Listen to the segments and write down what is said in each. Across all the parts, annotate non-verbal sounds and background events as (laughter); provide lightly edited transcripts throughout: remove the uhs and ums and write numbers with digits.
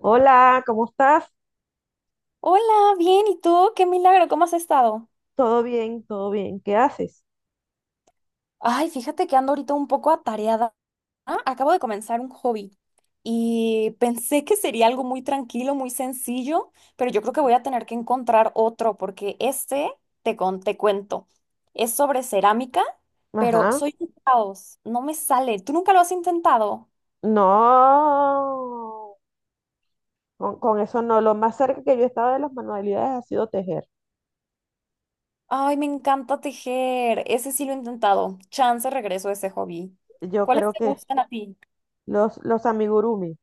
Hola, ¿cómo estás? Hola, bien, ¿y tú? Qué milagro, ¿cómo has estado? Todo bien, todo bien. ¿Qué haces? Ay, fíjate que ando ahorita un poco atareada. Ah, acabo de comenzar un hobby y pensé que sería algo muy tranquilo, muy sencillo, pero yo creo que voy a tener que encontrar otro porque te cuento, es sobre cerámica, pero Ajá. soy un caos, no me sale. ¿Tú nunca lo has intentado? No, con, eso no. Lo más cerca que yo he estado de las manualidades ha sido tejer. Ay, me encanta tejer, ese sí lo he intentado. Chance regreso a ese hobby. Yo ¿Cuáles creo te que gustan a ti? los amigurumis.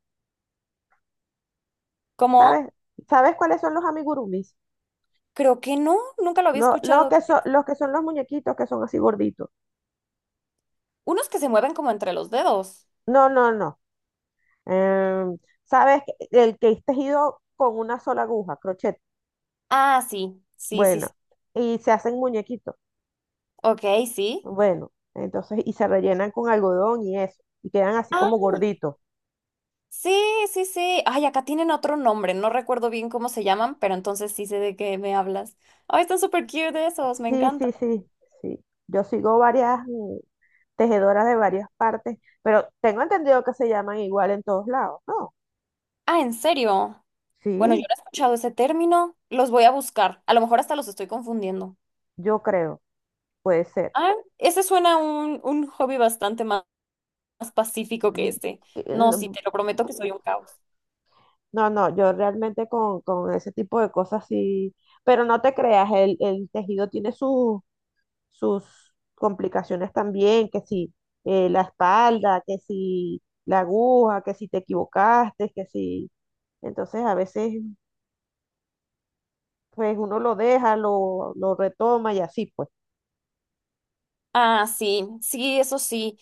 ¿Cómo? ¿Sabes? ¿Sabes cuáles son los amigurumis? Creo que no, nunca lo había Lo escuchado. Que son los muñequitos que son así gorditos. Unos que se mueven como entre los dedos. No, no, no. Em, ¿Sabes? El que es tejido con una sola aguja, crochet. Ah, sí, sí, sí, Bueno, sí. y se hacen muñequitos. Ok, sí. Bueno, entonces, y se rellenan con algodón y eso, y quedan así Ah, como gorditos. Sí, sí, sí. Ay, acá tienen otro nombre, no recuerdo bien cómo se llaman, pero entonces sí sé de qué me hablas. Ay, están súper cute esos, me Sí, encanta. sí, sí, sí. Yo sigo varias tejedoras de varias partes, pero tengo entendido que se llaman igual en todos lados, ¿no? Ah, ¿en serio? Bueno, yo Sí, no he escuchado ese término. Los voy a buscar. A lo mejor hasta los estoy confundiendo. yo creo, puede ser. Ah, ese suena un hobby bastante más, más pacífico que Mm, este. No, sí, No, te lo prometo que soy un caos. no, no, yo realmente con, ese tipo de cosas sí, pero no te creas, el tejido tiene sus sus complicaciones también, que si la espalda, que si la aguja, que si te equivocaste, que si... Entonces a veces pues uno lo deja, lo retoma y así pues. Ah, sí, sí, eso sí.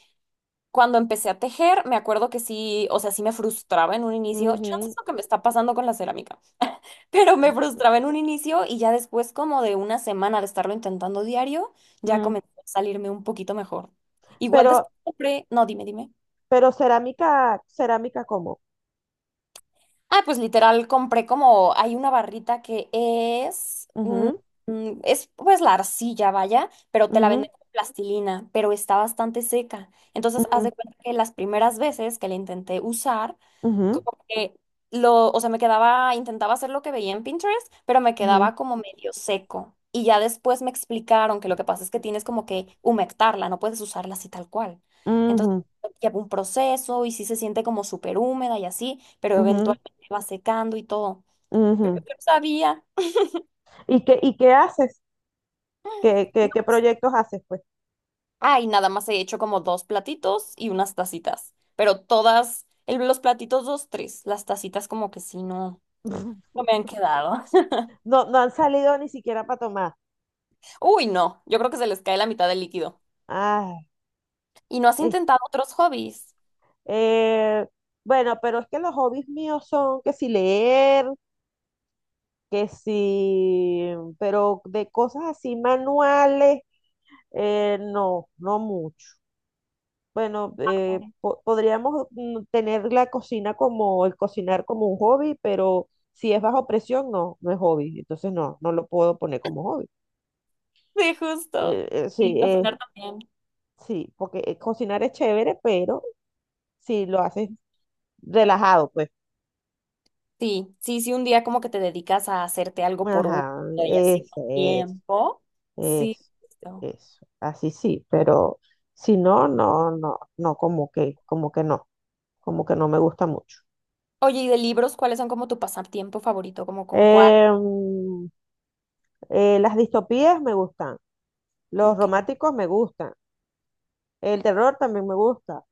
Cuando empecé a tejer, me acuerdo que sí, o sea, sí me frustraba en un inicio. Chance es Ujú, lo que me está pasando con la cerámica, (laughs) pero me frustraba en un inicio y ya después, como de una semana de estarlo intentando diario, ya mm. comenzó a salirme un poquito mejor. Igual después Pero, compré, no, dime, dime. pero cerámica, cerámica como. Ah, pues literal compré como, hay una barrita que es, mm, Ujú, mm, es pues la arcilla, vaya, pero te la ujú, venden con plastilina, pero está bastante seca. Entonces, haz ujú, de cuenta que las primeras veces que la intenté usar, ujú, como que lo, o sea, me quedaba, intentaba hacer lo que veía en Pinterest, pero me ujú, quedaba como medio seco. Y ya después me explicaron que lo que pasa es que tienes como que humectarla, no puedes usarla así tal cual. Entonces ujú, lleva un proceso y sí se siente como súper húmeda y así, pero eventualmente va secando y todo. ujú, ujú. Yo no sabía. Y qué haces? ¿Qué, No, qué, qué pues, proyectos haces pues? ay, nada más he hecho como dos platitos y unas tacitas, pero todas, los platitos dos, tres, las tacitas como que sí, no, no (laughs) me han quedado. No, no han salido ni siquiera para tomar. Uy, no, yo creo que se les cae la mitad del líquido. Ay, ¿Y no has es intentado otros hobbies? Eh, bueno, pero es que los hobbies míos son que si leer, que si, pero de cosas así manuales, no, no mucho. Bueno, Claro. po- podríamos tener la cocina como, el cocinar como un hobby, pero si es bajo presión, no, no es hobby. Entonces no, no lo puedo poner como hobby. Sí, justo. Sí, Y cocinar también. sí, porque cocinar es chévere, pero si lo haces relajado, pues, Sí, sí, sí, un día como que te dedicas a hacerte algo por gusto ajá, y así con eso es. tiempo. Sí, Es, justo. eso, así sí, pero si no, no, no, no, como que no me gusta mucho. Oye, ¿y de libros cuáles son como tu pasatiempo favorito? ¿Como con cuál? Em, las distopías me gustan, los Ok. románticos me gustan, el terror también me gusta.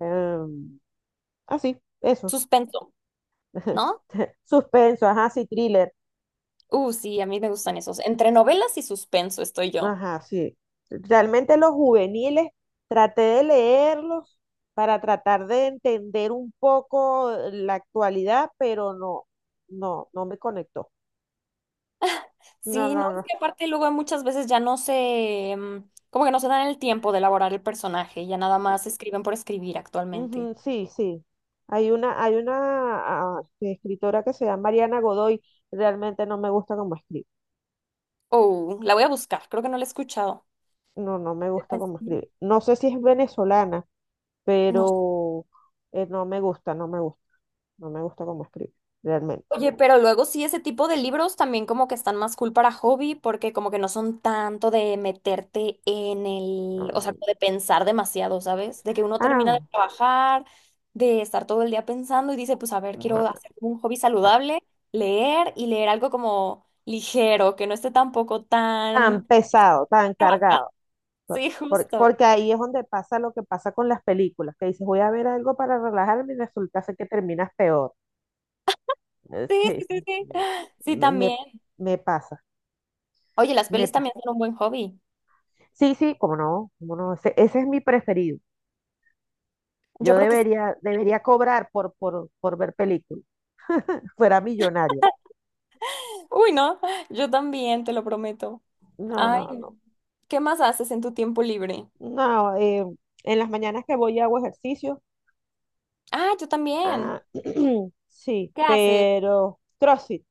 em, así, eso. Suspenso, (laughs) ¿no? Suspenso, ajá, sí, thriller. Sí, a mí me gustan esos. Entre novelas y suspenso estoy yo. Ajá, sí. Realmente los juveniles traté de leerlos para tratar de entender un poco la actualidad, pero no, no, no me conectó. No, Sí, no, no, es no. que aparte luego muchas veces ya no se, como que no se dan el tiempo de elaborar el personaje, ya nada más escriben por escribir actualmente. Ujú, sí, sí. Hay una escritora que se llama Mariana Godoy. Realmente no me gusta cómo escribe. Oh, la voy a buscar, creo que no la he escuchado. No, no me gusta cómo escribe. No sé si es venezolana, No. pero no me gusta, no me gusta, no me gusta cómo escribe, realmente. Oye, pero luego sí, ese tipo de libros también como que están más cool para hobby, porque como que no son tanto de meterte en el, o sea, Mm. como de pensar demasiado, ¿sabes? De que uno Ah, termina de trabajar, de estar todo el día pensando y dice, pues a ver, quiero hacer un hobby saludable, leer y leer algo como ligero, que no esté tampoco tan tan... pesado, tan (laughs) ah, cargado. Sí, justo. Porque ahí es donde pasa lo que pasa con las películas, que dices, voy a ver algo para relajarme y resulta ser que terminas peor. Sí, Sí, sí, sí, sí. Sí, me, me- también. me pasa, Oye, las me pelis pasa. también son un buen hobby. Sí, sí, cómo no, ese es mi preferido. Yo Yo creo que sí. debería, debería cobrar por ver películas, fuera millonaria. Uy, no, yo también, te lo prometo. No, Ay, no, no. no. ¿Qué más haces en tu tiempo libre? No, en las mañanas que voy y hago ejercicio, Ah, yo también. ah, (clears throat) sí, ¿Qué haces? pero CrossFit,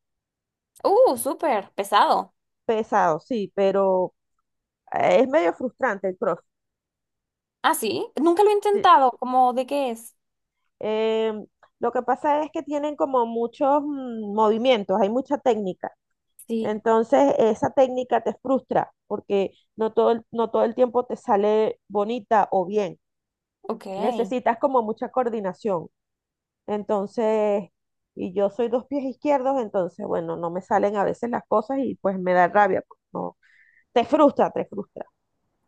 Súper pesado. pesado, sí, pero es medio frustrante el cross. Ah, sí. Nunca lo he Sí. intentado. ¿Cómo de qué es? Eh, lo que pasa es que tienen como muchos movimientos, hay mucha técnica. Sí, Entonces, esa técnica te frustra porque no todo el, no todo el tiempo te sale bonita o bien. ok. Necesitas como mucha coordinación. Entonces, y yo soy dos pies izquierdos, entonces, bueno, no me salen a veces las cosas y pues me da rabia. Pues, no. Te frustra, te frustra.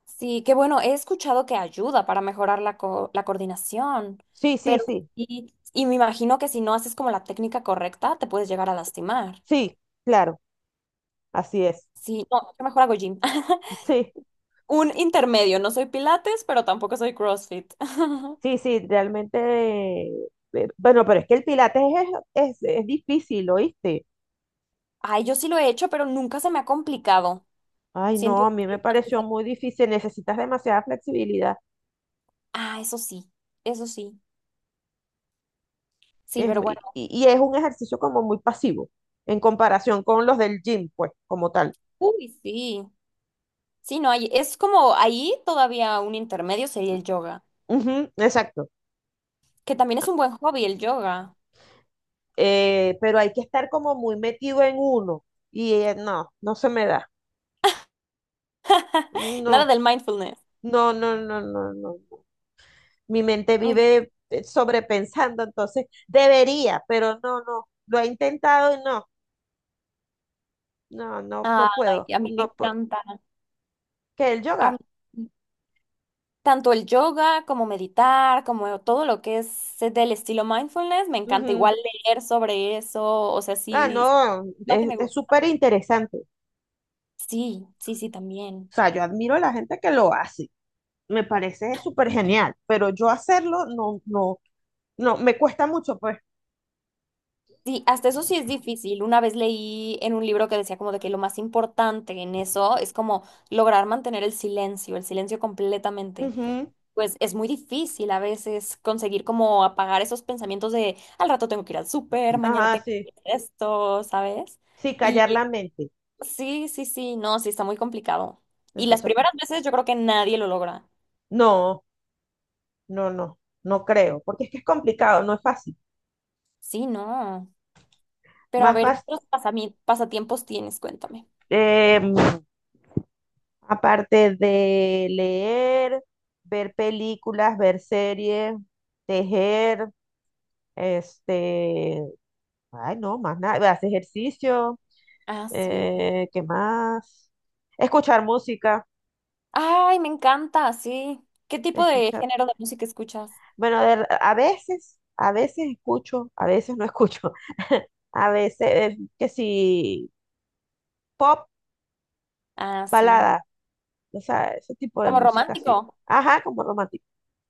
Sí, qué bueno. He escuchado que ayuda para mejorar la coordinación, Sí, sí, pero sí, sí, y me imagino que si no haces como la técnica correcta, te puedes llegar a lastimar. sí, claro, así es. Sí, no, yo mejor hago gym. (laughs) Sí. Un intermedio. No soy Pilates, pero tampoco soy CrossFit. (laughs) Sí, sí, realmente, eh, bueno, pero es que el pilates es difícil, ¿oíste? Ay, yo sí lo he hecho, pero nunca se me ha complicado. Ay, Siento no, a mí me que, pareció muy difícil, necesitas demasiada flexibilidad ah, eso sí, eso sí. Sí, pero bueno. y es un ejercicio como muy pasivo en comparación con los del gym, pues, como tal. Uy, sí. Sí, no, hay, es como ahí todavía un intermedio sería el yoga, Ujú, exacto. que también es un buen hobby el yoga. Pero hay que estar como muy metido en uno y no, no se me da, (laughs) no, Nada del mindfulness. no, no, no, no, no. Mi mente Mm. vive sobrepensando, entonces debería, pero no, no, lo he intentado y no, no, no, no puedo, Ay, a mí me no puedo. encanta. ¿Qué el A yoga? mí, tanto el yoga como meditar, como todo lo que es del estilo mindfulness, me encanta Ujú. igual leer sobre eso, o sea, Ah, sí, no, va que me es gusta. súper interesante. Sí, sí, sí, también. O sea, yo admiro a la gente que lo hace, me parece súper genial, pero yo hacerlo no, no, no, me cuesta mucho, pues. Sí, hasta eso sí es difícil. Una vez leí en un libro que decía como de que lo más importante en eso es como lograr mantener el silencio completamente. Ujú. Pues es muy difícil a veces conseguir como apagar esos pensamientos de al rato tengo que ir al súper, mañana Ajá, tengo que sí, ir a esto, ¿sabes? sí, Y callar la mente. sí, sí, sí, no, sí está muy complicado. Y las Entonces, pues, primeras veces yo creo que nadie lo logra. no, no, no, no creo, porque es que es complicado, no es fácil. Sí, no. Pero a Más ver, ¿qué fácil. otros pasatiempos tienes? Cuéntame. em, Aparte de leer, ver películas, ver series, tejer, este, ay no, más nada, hacer ejercicio, Ah, sí. ¿Qué más? Escuchar música, Ay, me encanta, sí. ¿Qué tipo de escuchar. género de música escuchas? Bueno, de- a veces escucho, a veces no escucho. (laughs) A veces, que si pop, Ah, sí. balada, o sea, ese tipo de ¿Como música así. romántico? Ajá, como romántico.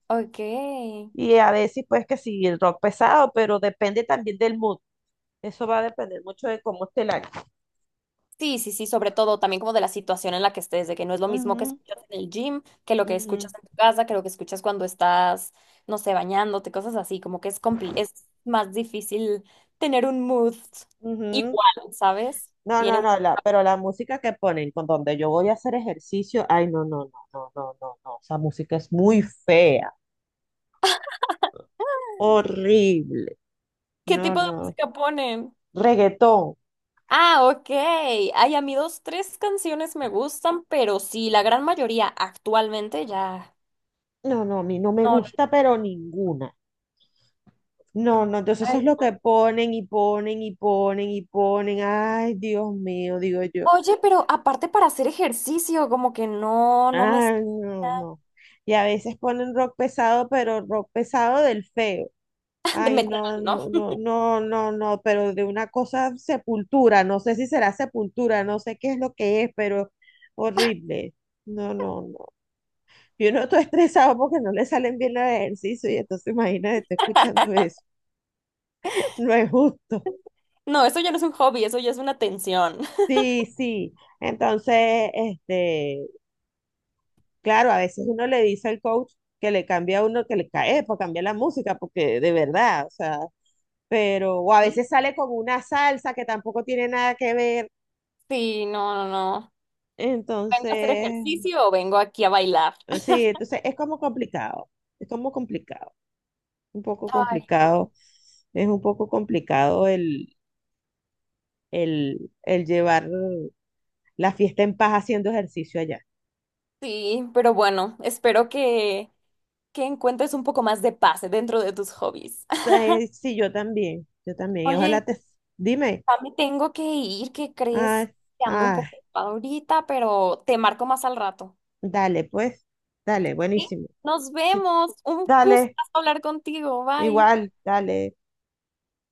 Ok. Y a veces, pues, que si el rock pesado, pero depende también del mood. Eso va a depender mucho de cómo esté el año. Sí, sí, sí, sobre todo también como de la situación en la que estés, de que no es lo mismo que Ujú, escuchas en el gym, que lo que ujú, escuchas en tu casa, que lo que escuchas cuando estás, no sé, bañándote, cosas así, como que es más difícil tener un mood ujú. igual, ¿sabes? No, Tiene no, un... no, la, pero la música que ponen con donde yo voy a hacer ejercicio, ay, no, no, no, no, no, no, no, esa música es muy fea, horrible, ¿Qué no, tipo de no, música ponen? reggaetón, Ah, ok. Ay, a mí dos, tres canciones me gustan, pero sí, la gran mayoría actualmente ya. no, no, a mí no me No, no. gusta, pero ninguna, no, no, entonces eso Ay, es lo que no. ponen y ponen y ponen y ponen, ay, Dios mío, digo yo. Oye, pero aparte para hacer ejercicio, como que no, no me... Ah, no, no. Y a veces ponen rock pesado, pero rock pesado del feo. (laughs) De Ay, metal, no, ¿no? no, no, no, no, no, pero de una cosa sepultura, no sé si será sepultura, no sé qué es lo que es, pero horrible. No, no, no. Yo no estoy (laughs) estresado porque no le salen bien los ejercicios y entonces imagínate, estoy escuchando eso. (laughs) No es justo. No, eso ya no es un hobby, eso ya es una tensión. Sí, sí. Entonces, este, claro, a veces uno le dice al coach que le cambie a uno, que le cae, para cambiar la música, porque de verdad, o sea, pero, o a Sí. veces sale con una salsa que tampoco tiene nada que ver. Sí, no, no, no. ¿Vengo a hacer Entonces, ejercicio o vengo aquí a bailar? sí, entonces es como complicado, un poco Ay, complicado, no. es un poco complicado el llevar la fiesta en paz haciendo ejercicio allá. Sí, pero bueno, espero que encuentres un poco más de paz dentro de tus hobbies. (laughs) Entonces, sí, yo también, y ojalá Oye, te, dime, ya me tengo que ir, ¿qué ay, crees? Que ando un ay. poco ocupada ahorita, pero te marco más al rato. Dale, pues, dale, ¿Sí? buenísimo. Nos Sí, vemos. Un gusto dale, hablar contigo. Bye. igual, dale.